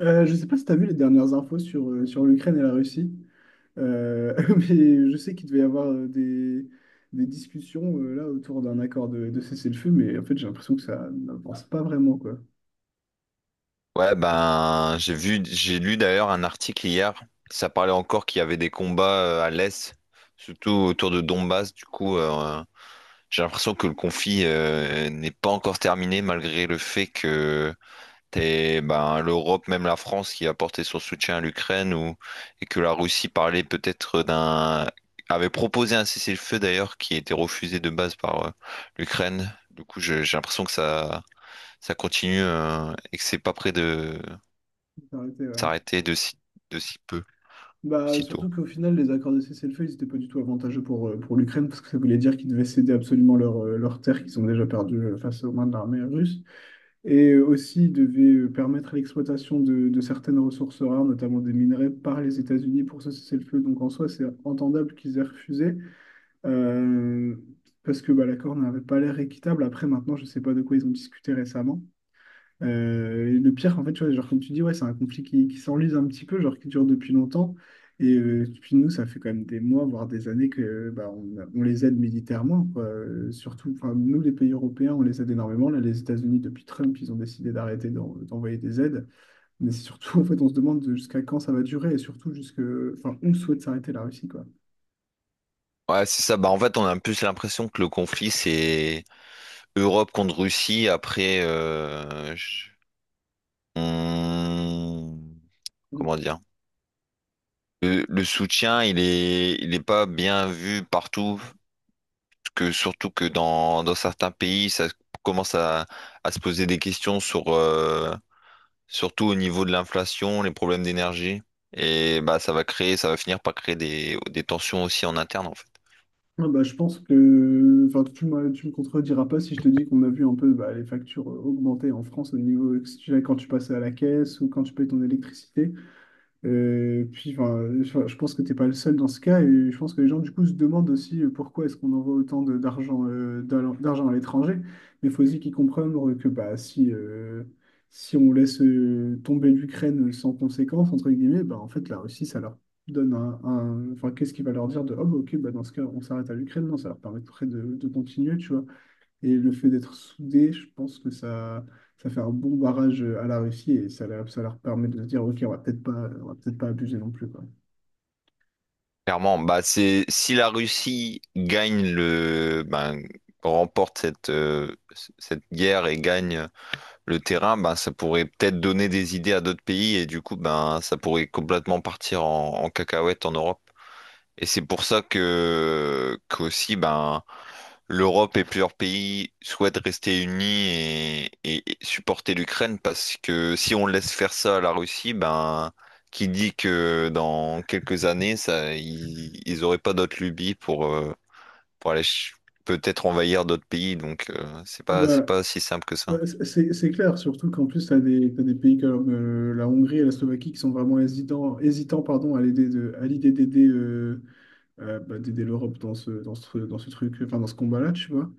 Je ne sais pas si tu as vu les dernières infos sur, sur l'Ukraine et la Russie, euh, mais je sais qu'il devait y avoir des discussions là autour d'un accord de cessez-le-feu, mais en fait j'ai l'impression que ça n'avance pas vraiment quoi. Ouais, ben, j'ai vu, j'ai lu d'ailleurs un article hier. Ça parlait encore qu'il y avait des combats à l'Est, surtout autour de Donbass. Du coup, j'ai l'impression que le conflit n'est pas encore terminé, malgré le fait que t'es, ben, l'Europe, même la France, qui a apporté son soutien à l'Ukraine, ou, et que la Russie parlait peut-être d'un, avait proposé un cessez-le-feu d'ailleurs, qui a été refusé de base par l'Ukraine. Du coup, j'ai l'impression que ça continue et que c'est pas près de C'est arrêté, ouais. s'arrêter de si peu, Bah, si tôt. surtout qu'au final, les accords de cessez-le-feu, ils n'étaient pas du tout avantageux pour l'Ukraine, parce que ça voulait dire qu'ils devaient céder absolument leurs leurs terres qu'ils ont déjà perdues face aux mains de l'armée russe. Et aussi devait permettre l'exploitation de certaines ressources rares, notamment des minerais, par les États-Unis pour ça cesser le feu. Donc en soi, c'est entendable qu'ils aient refusé, euh, parce que bah, l'accord n'avait pas l'air équitable. Après, maintenant, je ne sais pas de quoi ils ont discuté récemment, et le pire, en fait, tu vois, genre, comme tu dis, ouais, c'est un conflit qui s'enlise un petit peu, genre qui dure depuis longtemps. Et depuis nous, ça fait quand même des mois, voire des années que bah, on les aide militairement, quoi. Surtout, enfin, nous, les pays européens, on les aide énormément. Là, les États-Unis, depuis Trump, ils ont décidé d'arrêter d'envoyer des aides. Mais c'est surtout, en fait, on se demande jusqu'à quand ça va durer et surtout jusque, enfin, on souhaite s'arrêter la Russie, quoi. Ouais, c'est ça. Bah, en fait, on a plus l'impression que le conflit, c'est Europe contre Russie. Après, on- comment dire? Le soutien, il est pas bien vu partout. Que, surtout que dans certains pays, ça commence à se poser des questions sur, surtout au niveau de l'inflation, les problèmes d'énergie. Et bah, ça va créer, ça va finir par créer des tensions aussi en interne, en fait. Ouais, bah, je pense que enfin, tu me contrediras pas si je te dis qu'on a vu un peu bah, les factures augmenter en France au niveau, que ce soit quand tu passes à la caisse ou quand tu payes ton électricité. Puis, enfin, je pense que t'es pas le seul dans ce cas, et je pense que les gens, du coup, se demandent aussi pourquoi est-ce qu'on envoie autant d'argent à l'étranger. Mais il faut aussi qu'ils comprennent que bah, si on laisse tomber l'Ukraine sans conséquence, entre guillemets, bah, en fait, la Russie, ça leur donne enfin, qu'est-ce qui va leur dire de, oh, bah, ok, bah, dans ce cas, on s'arrête à l'Ukraine? Non, ça leur permettrait de continuer, tu vois. Et le fait d'être soudé, je pense que ça fait un bon barrage à la Russie et ça, ça leur permet de se dire, OK, on va peut-être pas, on va peut-être pas abuser non plus, quoi. Clairement, bah c'est si la Russie gagne le ben, remporte cette, cette guerre et gagne le terrain, ben ça pourrait peut-être donner des idées à d'autres pays et du coup ben ça pourrait complètement partir en, en cacahuète en Europe. Et c'est pour ça que qu'aussi ben l'Europe et plusieurs pays souhaitent rester unis et supporter l'Ukraine parce que si on laisse faire ça à la Russie, ben qui dit que dans quelques années ça ils, ils auraient pas d'autres lubies pour aller peut-être envahir d'autres pays donc Ah c'est bah, pas si simple que ça. C'est clair, surtout qu'en plus, t'as des pays comme la Hongrie et la Slovaquie qui sont vraiment hésitants pardon, à l'idée d'aider bah, d'aider l'Europe dans ce truc, enfin, dans ce combat-là, tu vois.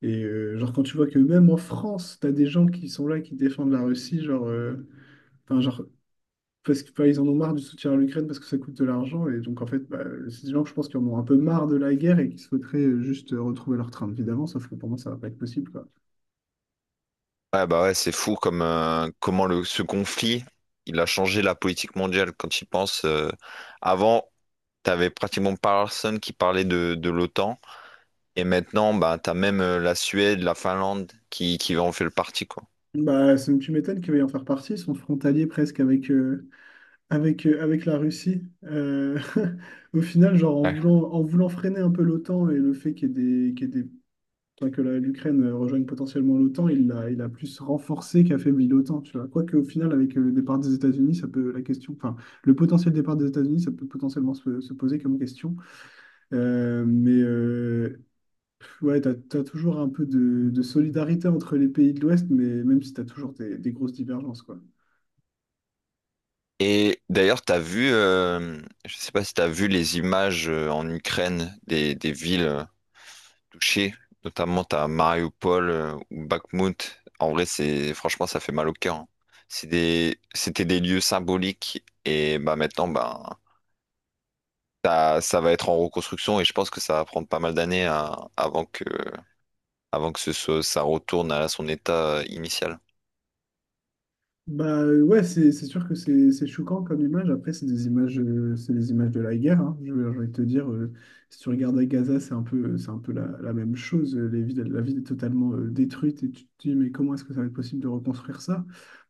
Et genre, quand tu vois que même en France, tu as des gens qui sont là, qui défendent la Russie, genre parce que, enfin, ils en ont marre du soutien à l'Ukraine parce que ça coûte de l'argent. Et donc, en fait, bah, c'est des gens, que je pense, qui en ont un peu marre de la guerre et qui souhaiteraient juste retrouver leur train de vie d'avant, sauf que pour moi, ça va pas être possible, quoi. Ouais bah ouais c'est fou comme comment le ce conflit il a changé la politique mondiale quand il pense avant. T'avais pratiquement personne qui parlait de l'OTAN. Et maintenant, bah, t'as même la Suède, la Finlande qui en fait le parti, quoi. Bah, tu m'étonnes qu'il va y en faire partie, ils sont frontaliers presque avec, avec la Russie. Au final, genre Ouais. En voulant freiner un peu l'OTAN et le fait qu'il y ait des, enfin, que l'Ukraine rejoigne potentiellement l'OTAN, il a plus renforcé qu'affaibli l'OTAN, tu vois. Quoique au final, avec le départ des États-Unis, ça peut la question, enfin, le potentiel départ des États-Unis, ça peut potentiellement se poser comme question. Euh, mais euh, Ouais, t'as toujours un peu de solidarité entre les pays de l'Ouest, mais même si t'as toujours des grosses divergences, quoi. Et d'ailleurs, t'as vu, je sais pas si t'as vu les images en Ukraine des villes touchées, notamment t'as Mariupol ou Bakhmut. En vrai, c'est franchement, ça fait mal au cœur, hein. C'est des, c'était des lieux symboliques et bah maintenant, bah, ça va être en reconstruction et je pense que ça va prendre pas mal d'années avant que ce soit, ça retourne à son état initial. Ouais, c'est sûr que c'est choquant comme image. Après, c'est des images de la guerre, hein. J'ai envie de te dire, si tu regardes à Gaza, c'est un peu la même chose. La ville est totalement détruite et tu te dis, mais comment est-ce que ça va être possible de reconstruire ça?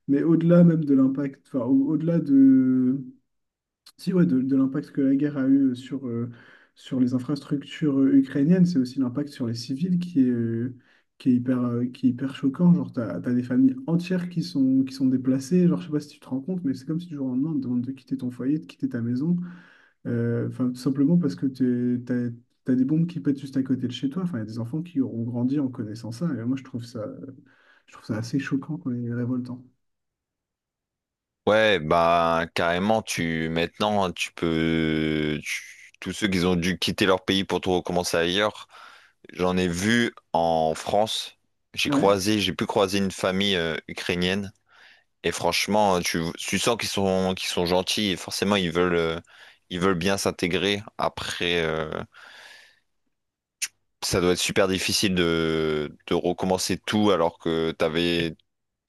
Mais au-delà même de l'impact, enfin, au-delà de, si, ouais, de l'impact que la guerre a eu sur les infrastructures ukrainiennes, c'est aussi l'impact sur les civils qui est, qui est hyper choquant. Genre, t'as des familles entières qui sont déplacées. Genre, je sais pas si tu te rends compte, mais c'est comme si du jour au lendemain, on te demande de quitter ton foyer, de quitter ta maison. Enfin, tout simplement parce que t'as des bombes qui pètent juste à côté de chez toi. Enfin, il y a des enfants qui auront grandi en connaissant ça. Et moi, je trouve ça assez choquant quand même, et révoltant. Ouais, bah carrément, tu maintenant hein, tu peux tous ceux qui ont dû quitter leur pays pour tout recommencer ailleurs, j'en ai vu en France. J'ai Ouais. croisé, j'ai pu croiser une famille ukrainienne et franchement, tu sens qu'ils sont gentils et forcément ils veulent bien s'intégrer. Après, ça doit être super difficile de recommencer tout alors que t'avais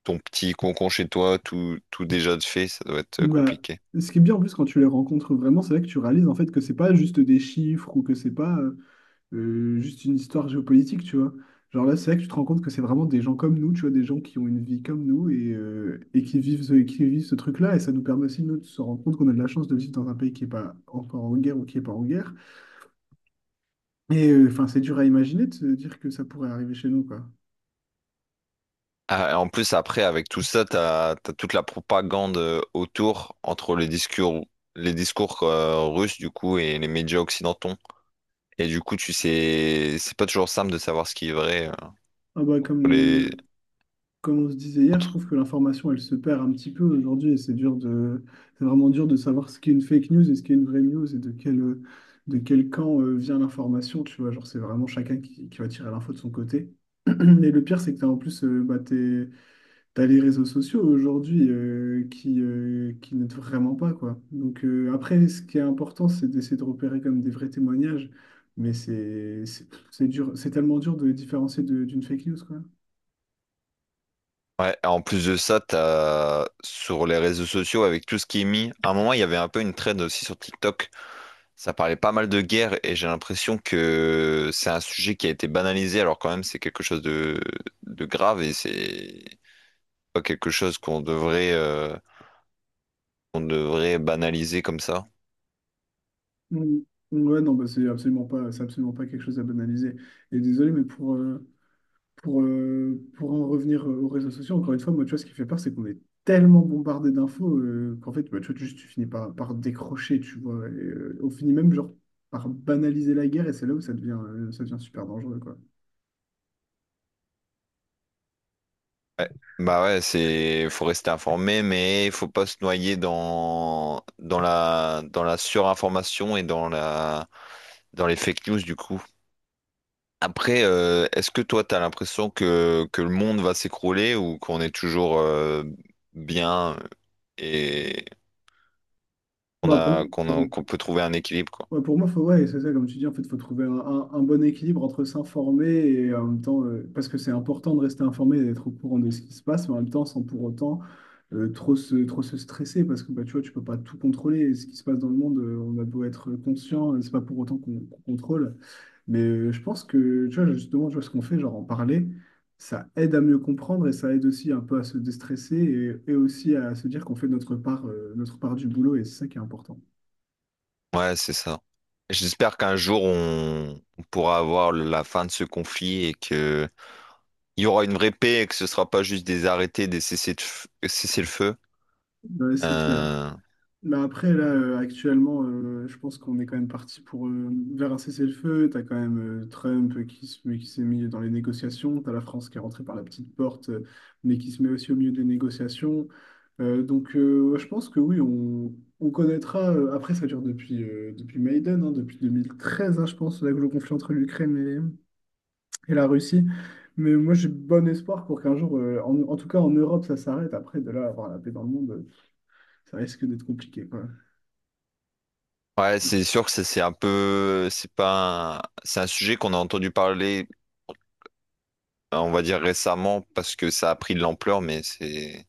ton petit concon chez toi, tout, tout déjà de fait, ça doit être Bah, compliqué. ce qui est bien en plus quand tu les rencontres vraiment, c'est là que tu réalises en fait que c'est pas juste des chiffres ou que c'est pas juste une histoire géopolitique, tu vois. Genre là, c'est là que tu te rends compte que c'est vraiment des gens comme nous, tu vois, des gens qui ont une vie comme nous et qui vivent qui vivent ce truc-là. Et ça nous permet aussi, nous, de se rendre compte qu'on a de la chance de vivre dans un pays qui est pas encore en guerre ou qui est pas en guerre. Et enfin, c'est dur à imaginer de se dire que ça pourrait arriver chez nous, quoi. Ah, et en plus, après, avec tout ça, t'as, t'as toute la propagande autour entre les discours russes, du coup, et les médias occidentaux. Et du coup, tu sais, c'est pas toujours simple de savoir ce qui est vrai. Ah bah, Pour comme, les... euh, Comme on se disait hier, je entre- trouve que l'information, elle se perd un petit peu aujourd'hui et c'est dur de, c'est vraiment dur de savoir ce qu'est une fake news et ce qu'est une vraie news et de de quel camp vient l'information, tu vois. Genre, c'est vraiment chacun qui va tirer l'info de son côté. Et le pire, c'est que t'as en plus, t'as les réseaux sociaux aujourd'hui qui n'aident vraiment pas, quoi. Donc après, ce qui est important, c'est d'essayer de repérer comme des vrais témoignages, mais c'est dur, c'est tellement dur de différencier d'une fake news, quoi. Ouais, et en plus de ça, t'as sur les réseaux sociaux, avec tout ce qui est mis, à un moment, il y avait un peu une trend aussi sur TikTok. Ça parlait pas mal de guerre et j'ai l'impression que c'est un sujet qui a été banalisé alors quand même c'est quelque chose de grave et c'est pas quelque chose qu'on devrait banaliser comme ça. Mm. Ouais, non, bah, c'est absolument pas quelque chose à banaliser. Et désolé, mais pour en revenir aux réseaux sociaux, encore une fois, moi, tu vois, ce qui fait peur, c'est qu'on est tellement bombardé d'infos qu'en fait, bah, tu vois, juste, tu finis par décrocher, tu vois. Et, on finit même, genre, par banaliser la guerre, et c'est là où ça devient super dangereux, quoi. Ouais. Bah ouais, c'est faut rester informé mais faut pas se noyer dans dans la surinformation et dans les fake news du coup. Après, est-ce que toi, tu as l'impression que le monde va s'écrouler ou qu'on est toujours bien et qu'on Moi, pour, a, pour, qu'on peut trouver un équilibre, quoi? Ouais, pour moi, faut, ouais, c'est ça, comme tu dis, en fait, faut trouver un bon équilibre entre s'informer et en même temps, parce que c'est important de rester informé et d'être au courant de ce qui se passe, mais en même temps, sans pour autant trop se stresser, parce que bah, tu vois, tu peux pas tout contrôler. Et ce qui se passe dans le monde, on a beau être conscient, c'est pas pour autant qu'on contrôle. Mais je pense que, tu vois, justement, tu vois, ce qu'on fait, genre en parler, ça aide à mieux comprendre et ça aide aussi un peu à se déstresser et aussi à se dire qu'on fait notre part du boulot, et c'est ça qui est important. Ouais, c'est ça. J'espère qu'un jour, on pourra avoir la fin de ce conflit et que il y aura une vraie paix et que ce sera pas juste des arrêtés, des cessez le feu. Ouais, c'est clair. Euh, Mais après, actuellement, je pense qu'on est quand même parti pour, vers un cessez-le-feu. T'as quand même Trump qui s'est mis dans les négociations. T'as la France qui est rentrée par la petite porte, mais qui se met aussi au milieu des négociations. Ouais, je pense que oui, on connaîtra. Euh, après, ça dure depuis, depuis Maïdan, hein, depuis 2013, hein, je pense, là, le conflit entre l'Ukraine et la Russie. Mais moi, j'ai bon espoir pour qu'un jour, en tout cas en Europe, ça s'arrête. Après, de là, à avoir la paix dans le monde, ça risque d'être compliqué, quoi. ouais, c'est sûr que ça, c'est un peu, c'est pas, c'est un sujet qu'on a entendu parler. On va dire récemment parce que ça a pris de l'ampleur, mais c'est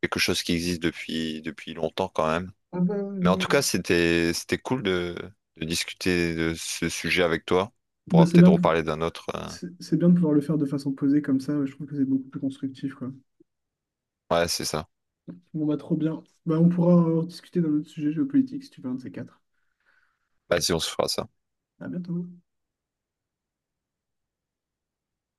quelque chose qui existe depuis, depuis longtemps quand même. Ah bah, Mais en ouais. tout cas, Ouais. c'était, c'était cool de discuter de ce sujet avec toi. On Bah, pourra c'est bien peut-être de, reparler d'un autre. C'est bien de pouvoir le faire de façon posée comme ça, je trouve que c'est beaucoup plus constructif, quoi. Ouais, c'est ça. Bon, bah, trop bien. Bah, on pourra en discuter d'un autre sujet géopolitique si tu veux un de ces quatre. Vas-y, on se fera ça. À bientôt.